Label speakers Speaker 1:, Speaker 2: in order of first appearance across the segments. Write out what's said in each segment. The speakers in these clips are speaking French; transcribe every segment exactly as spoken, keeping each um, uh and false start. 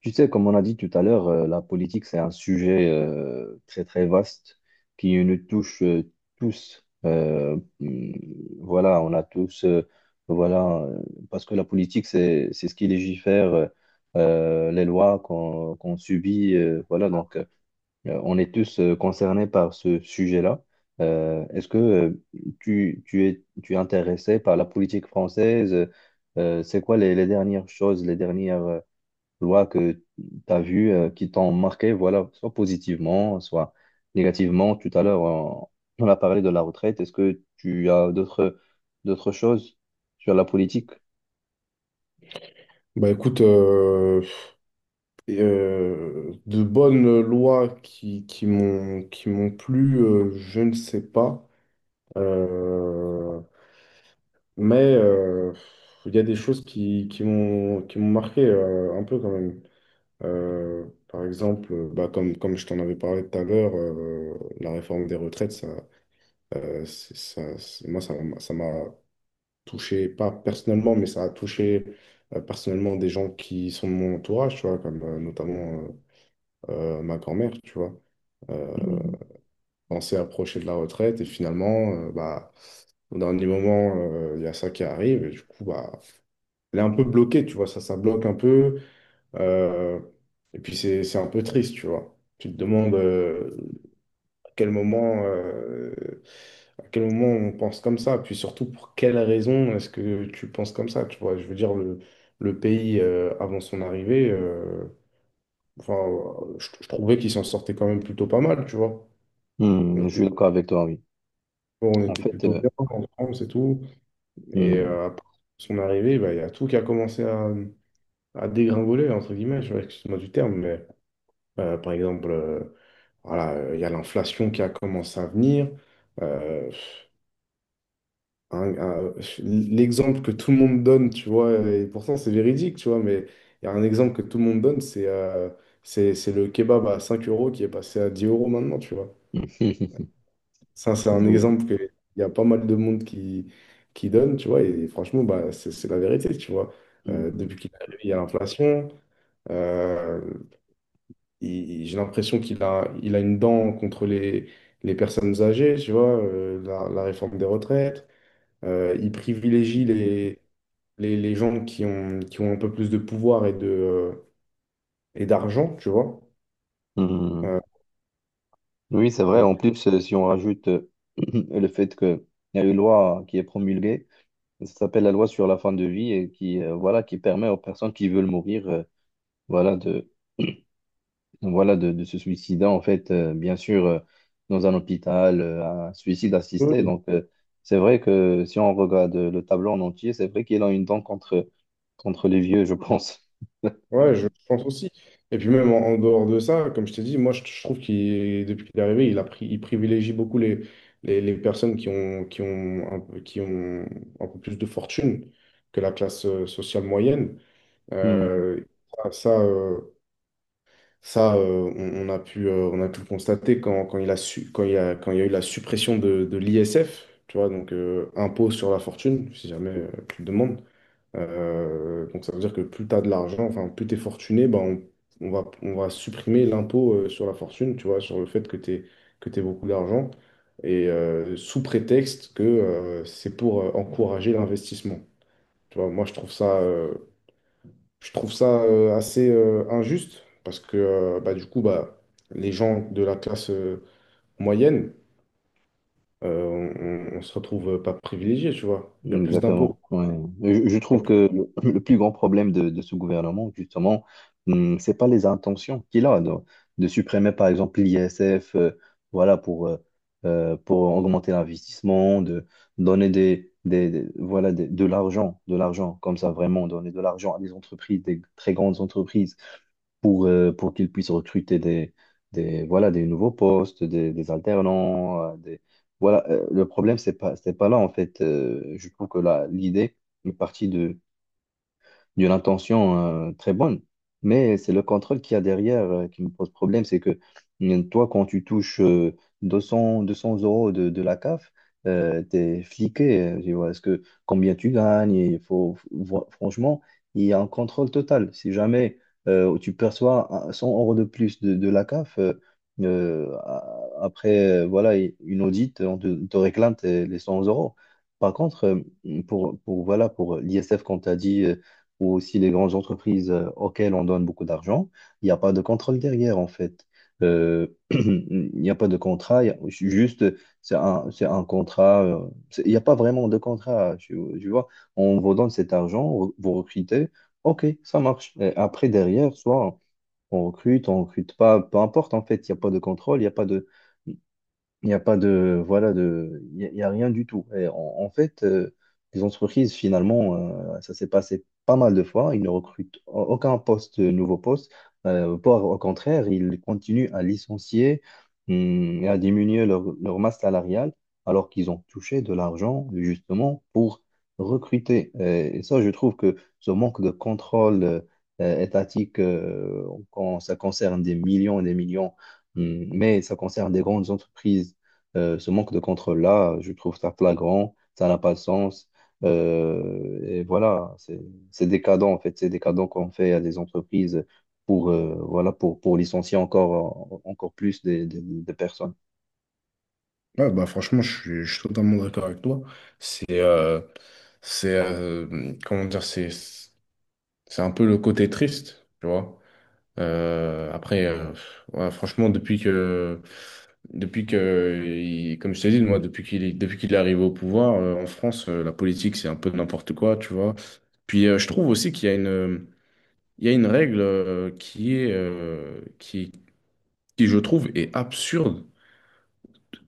Speaker 1: Tu sais, comme on a dit tout à l'heure, euh, la politique, c'est un sujet euh, très, très vaste qui nous touche euh, tous. Euh, mm, voilà, on a tous, euh, voilà, euh, parce que la politique, c'est, c'est ce qui légifère euh, euh, les lois qu'on qu'on subit. Euh, voilà, donc, euh, on est tous euh, concernés par ce sujet-là. Euh, est-ce que euh, tu, tu es, tu es intéressé par la politique française? Euh, c'est quoi les, les dernières choses, les dernières euh, lois que tu as vues euh, qui t'ont marqué, voilà, soit positivement, soit négativement. Tout à l'heure, on, on a parlé de la retraite. Est-ce que tu as d'autres d'autres choses sur la politique?
Speaker 2: Bah écoute, euh, euh, de bonnes lois qui, qui m'ont qui m'ont plu, euh, je ne sais pas. Euh, mais euh, il y a des choses qui, qui m'ont qui m'ont marqué euh, un peu quand même. Euh, par exemple, euh, bah, comme, comme je t'en avais parlé tout à l'heure, euh, la réforme des retraites, ça, euh, c'est- ça, c'est- moi, ça m'a ça m'a touché, pas personnellement, mais ça a touché euh, personnellement des gens qui sont de mon entourage, tu vois, comme euh, notamment. euh, euh, ma grand-mère, tu vois. Euh, pensait approcher de la retraite et finalement, euh, bah, au dernier moment, euh, il y a ça qui arrive et du coup, bah, elle est un peu bloquée, tu vois, ça, ça bloque un peu. euh, et puis c'est, c'est un peu triste, tu vois. Tu te demandes euh, à quel moment, euh, à quel moment on pense comme ça, puis surtout pour quelle raison est-ce que tu penses comme ça, tu vois. Je veux dire, le, le pays euh, avant son arrivée, euh, enfin, je, je trouvais qu'il s'en sortait quand même plutôt pas mal, tu vois. On
Speaker 1: Hmm, je
Speaker 2: était,
Speaker 1: suis d'accord avec toi, oui.
Speaker 2: on
Speaker 1: En
Speaker 2: était
Speaker 1: fait,
Speaker 2: plutôt
Speaker 1: euh,
Speaker 2: bien en France et tout. Et
Speaker 1: hmm,
Speaker 2: euh, après son arrivée, bah, il y a tout qui a commencé à, à dégringoler, entre guillemets, je- excuse-moi du terme, mais euh, par exemple, euh, voilà, euh, il y a l'inflation qui a commencé à venir. Euh, un- un- L'exemple que tout le monde donne, tu vois, et pourtant c'est véridique, tu vois, mais il y a un exemple que tout le monde donne, c'est euh, c'est c'est le kebab à cinq euros qui est passé à dix euros maintenant, tu vois. Ça, c'est un
Speaker 1: oui.
Speaker 2: exemple que il y a pas mal de monde qui, qui donne, tu vois, et franchement, bah, c'est c'est la vérité, tu vois. Euh,
Speaker 1: Hmm,
Speaker 2: depuis qu'il est arrivé, il y a l'inflation. Euh, il- il- j'ai l'impression qu'il a, il a une dent contre les, les personnes âgées, tu vois, euh, la, la réforme des retraites. Euh, il privilégie les, les, les gens qui ont, qui ont un peu plus de pouvoir et de, euh, et d'argent, tu vois.
Speaker 1: hmm.
Speaker 2: Euh,
Speaker 1: Oui, c'est vrai.
Speaker 2: donc,
Speaker 1: En plus, euh, si on rajoute euh, le fait qu'il y a une loi qui est promulguée, ça s'appelle la loi sur la fin de vie et qui, euh, voilà, qui permet aux personnes qui veulent mourir, euh, voilà, de, voilà, de, de se suicider, en fait, euh, bien sûr, euh, dans un hôpital, euh, un suicide assisté.
Speaker 2: eux,
Speaker 1: Donc, euh, c'est vrai que si on regarde le tableau en entier, c'est vrai qu'il a une dent contre, contre les vieux, je pense.
Speaker 2: Ouais, je pense aussi. Et puis même en, en dehors de ça, comme je t'ai dit, moi je, je trouve qu'il, depuis qu'il est arrivé, il a pris, il privilégie beaucoup les, les, les personnes qui ont, qui ont un, peu- qui ont un peu plus de fortune que la classe euh, sociale moyenne.
Speaker 1: Hmm.
Speaker 2: Euh, ça, ça, euh, ça, euh, on, on a pu, euh, on a pu le constater quand, quand il a su, quand il y a, quand il y a eu la suppression de, de l'I S F, tu vois, donc euh, impôt sur la fortune, si jamais euh, tu le demandes. Euh, donc ça veut dire que plus tu as de l'argent, enfin plus tu es fortuné, ben on, on va, on va supprimer l'impôt euh, sur la fortune, tu vois, sur le fait que tu aies, que t'aies beaucoup d'argent, et euh, sous prétexte que euh, c'est pour euh, encourager l'investissement. Tu vois, moi je trouve ça, euh, je trouve ça euh, assez euh, injuste, parce que euh, bah, du coup, bah, les gens de la classe euh, moyenne, euh, on, on- on se retrouve pas privilégiés, tu vois. Il y a plus d'impôts.
Speaker 1: Exactement. Ouais. Je, je trouve que le, le plus grand problème de, de ce gouvernement, justement, hum, c'est pas les intentions qu'il a de, de supprimer, par exemple, l'I S F, euh, voilà, pour, euh, euh, pour augmenter l'investissement, de donner des, des, des- voilà, des- de l'argent, de l'argent, comme ça, vraiment, donner de l'argent à des entreprises, des très grandes entreprises pour, euh, pour qu'ils puissent recruter des, des, voilà, des nouveaux postes, des, des alternants, euh, des, voilà, euh, le problème, c'est pas, c'est pas là, en fait. Euh, je trouve que là, l'idée est partie de, d'une intention euh, très bonne, mais c'est le contrôle qu'il y a derrière euh, qui me pose problème. C'est que euh, toi, quand tu touches euh, deux cents, deux cents euros de, de la C A F, euh, t'es fliqué. euh, Tu vois, est-ce que combien tu gagnes? Il faut, fr- franchement, il y a un contrôle total. Si jamais euh, tu perçois un- cent euros de plus de, de la C A F, euh, euh, a- après, euh, voilà, une audite, on te, on te réclame tes- les cent euros. Par contre, euh, pour, pour, voilà, pour l'I S F, quand tu as dit, ou aussi les grandes entreprises euh, auxquelles on donne beaucoup d'argent, il n'y a pas de contrôle derrière, en fait. Euh, il n'y a pas de contrat, il y a- juste, c'est un, c'est un contrat, euh, c'est- il n'y a pas vraiment de contrat, tu, tu vois. On vous donne cet argent, vous recrutez, ok, ça marche. Et après, derrière, soit on recrute, on recrute pas, peu importe, en fait, il n'y a pas de contrôle, il n'y a pas de. Il n'y a pas de, voilà, de, il y a, il y a rien du tout. Et en, en fait, euh, les entreprises, finalement, euh, ça s'est passé pas mal de fois. Ils ne recrutent a- aucun poste, euh, nouveau poste. Euh, voire au contraire, ils continuent à licencier, hum, et à diminuer leur, leur masse salariale, alors qu'ils ont touché de l'argent, justement, pour recruter. Et, et ça, je trouve que ce manque de contrôle, euh, euh, étatique, euh, quand ça concerne des millions et des millions, hum, mais ça concerne des grandes entreprises euh, ce manque de contrôle-là, je trouve ça flagrant, ça n'a pas de sens. Euh, et voilà, c'est c'est décadent en fait, c'est décadent qu'on fait à des entreprises pour, euh, voilà, pour, pour licencier encore, encore plus des, des, des personnes.
Speaker 2: Ouais, bah franchement, je suis, je suis totalement d'accord avec toi. C'est, euh, c'est, euh, Comment dire, c'est, c'est un peu le côté triste, tu vois. Euh, après, euh, ouais, franchement, depuis que, depuis que, il- comme je t'ai dit, moi, depuis qu'il, est- depuis qu'il est arrivé au pouvoir, euh, en France, euh, la politique, c'est un peu n'importe quoi, tu vois. Puis, euh, je trouve aussi qu'il y a une, il y a une règle, euh, qui est, euh, qui, qui, je trouve, est absurde.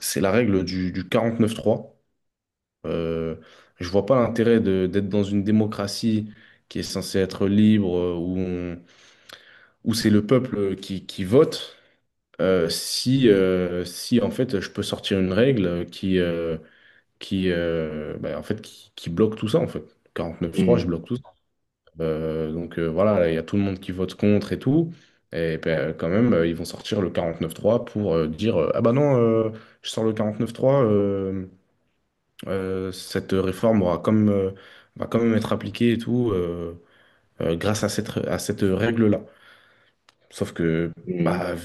Speaker 2: C'est la règle du, du neuf trois. Euh, je vois pas l'intérêt de- d'être dans une démocratie qui est censée être libre, euh, où, on- où c'est le peuple euh, qui, qui vote, euh, si, euh, si en fait je peux sortir une règle qui, euh, qui, euh, bah, en fait, qui, qui bloque tout ça en fait. quarante-neuf trois, je
Speaker 1: Mhm.
Speaker 2: bloque tout ça. Euh, donc euh, voilà, il y a tout le monde qui vote contre et tout. Et ben, quand même, euh, ils vont sortir le quarante-neuf trois pour euh, dire euh, ah bah non, euh, je sors le quarante-neuf trois. Euh, cette réforme aura comme, euh, va quand même être appliquée et tout euh, euh, grâce à cette, à cette règle-là. Sauf que,
Speaker 1: Mhm.
Speaker 2: bah, du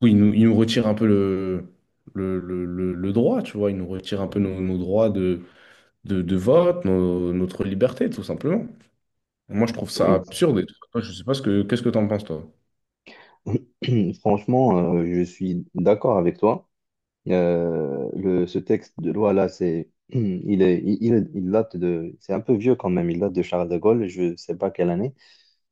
Speaker 2: coup, il nous, il nous retire un peu le, le, le, le- le droit, tu vois. Il nous retire un peu nos, nos droits de, de, de vote, nos- notre liberté, tout simplement. Moi, je trouve ça
Speaker 1: Oui.
Speaker 2: absurde. Et tout. Toi, je sais pas ce que, qu'est-ce que t'en penses, toi?
Speaker 1: Franchement, euh, je suis d'accord avec toi. Euh, le, ce texte de loi là, c'est, il est, il, il il date de, c'est un peu vieux quand même. Il date de Charles de Gaulle. Je sais pas quelle année.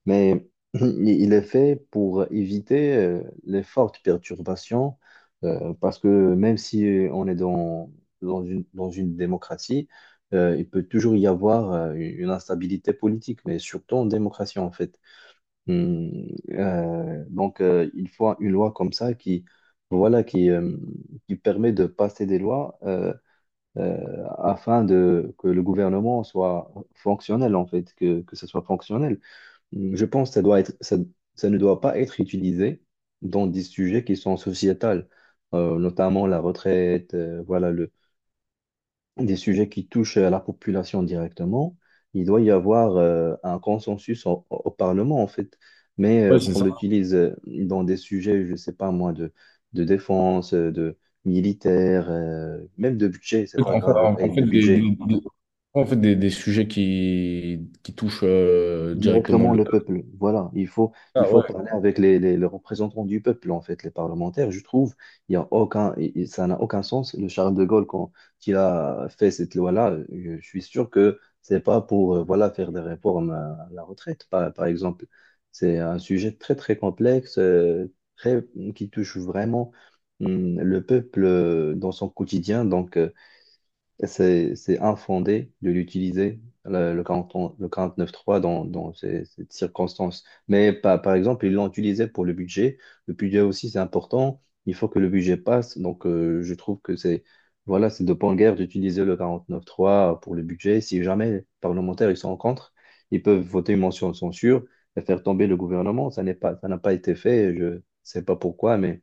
Speaker 1: Mais il il est fait pour éviter euh, les fortes perturbations, euh, parce que même si euh, on est dans, dans une, dans une démocratie, euh, il peut toujours y avoir euh, une instabilité politique, mais surtout en démocratie en fait. Hum, euh, donc euh, il faut une loi comme ça qui, voilà, qui, euh, qui permet de passer des lois euh, euh, afin de, que le gouvernement soit fonctionnel en fait, que, que ce soit fonctionnel. Je pense que ça doit être, ça, ça ne doit pas être utilisé dans des sujets qui sont sociétals, euh, notamment la retraite, euh, voilà, le, des sujets qui touchent à la population directement. Il doit y avoir euh, un consensus au, au Parlement, en fait. Mais euh,
Speaker 2: Ouais, c'est
Speaker 1: qu'on
Speaker 2: ça.
Speaker 1: l'utilise euh, dans des sujets, je ne sais pas moi, de, de défense, euh, de militaire, euh, même de budget, c'est pas
Speaker 2: En fait,
Speaker 1: grave, ok,
Speaker 2: en fait,
Speaker 1: de
Speaker 2: des,
Speaker 1: budget.
Speaker 2: des- des- en fait, des, des sujets qui, qui touchent euh, directement
Speaker 1: Directement
Speaker 2: le
Speaker 1: le
Speaker 2: peuple.
Speaker 1: peuple. Voilà, il faut, il
Speaker 2: Ah
Speaker 1: faut
Speaker 2: ouais,
Speaker 1: parler avec les, les- les représentants du peuple, en fait, les parlementaires. Je trouve, il y a aucun, il- il- ça n'a aucun sens. Le Charles de Gaulle, quand il a fait cette loi-là, je suis sûr que c'est pas pour, euh, voilà, faire des réformes à la retraite, par, par exemple. C'est un sujet très, très complexe, euh, très, qui touche vraiment, hum, le peuple euh, dans son quotidien. Donc, euh, et C'est, c'est infondé de l'utiliser, le, le quarante le quarante-neuf trois dans, dans ces, ces circonstances. Mais par par exemple, ils l'ont utilisé pour le budget. Le budget aussi, c'est important. Il faut que le budget passe. Donc, euh, je trouve que c'est voilà, c'est de bonne guerre d'utiliser le quarante neuf trois pour le budget. Si jamais les parlementaires ils sont en contre, ils peuvent voter une motion de censure et faire tomber le gouvernement. Ça n'est pas, ça n'a pas été fait. Je ne sais pas pourquoi, mais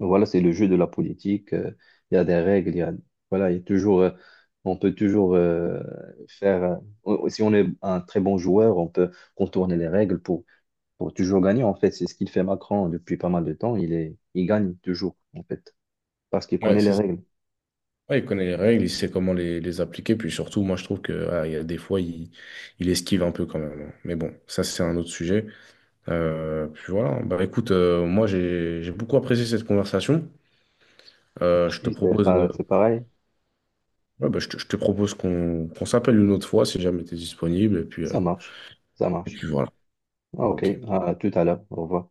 Speaker 1: donc voilà, c'est le jeu de la politique. euh, Il y a des règles. Il y a, voilà, il y a toujours, euh, on peut toujours euh, faire. Euh, on- si on est un très bon joueur, on peut contourner les règles pour, pour toujours gagner. En fait, c'est ce qu'il fait Macron depuis pas mal de temps. Il est, il gagne toujours, en fait, parce qu'il
Speaker 2: ouais,
Speaker 1: connaît les
Speaker 2: c'est ça.
Speaker 1: règles.
Speaker 2: Ouais, il connaît les règles, il sait comment les, les appliquer, puis surtout, moi je trouve que ah, il y a des fois, il, il esquive un peu quand même. Hein. Mais bon, ça c'est un autre sujet. Euh, puis voilà, bah écoute, euh, moi j'ai j'ai beaucoup apprécié cette conversation. Euh, je te
Speaker 1: Si C'est
Speaker 2: propose, euh,
Speaker 1: pas- C'est pareil.
Speaker 2: ouais, bah, je te, je te propose qu'on qu'on s'appelle une autre fois si jamais tu es disponible, et puis,
Speaker 1: Ça
Speaker 2: euh,
Speaker 1: marche. Ça
Speaker 2: et
Speaker 1: marche.
Speaker 2: puis voilà.
Speaker 1: Ah, ok.
Speaker 2: Ok.
Speaker 1: À tout à l'heure. Au revoir.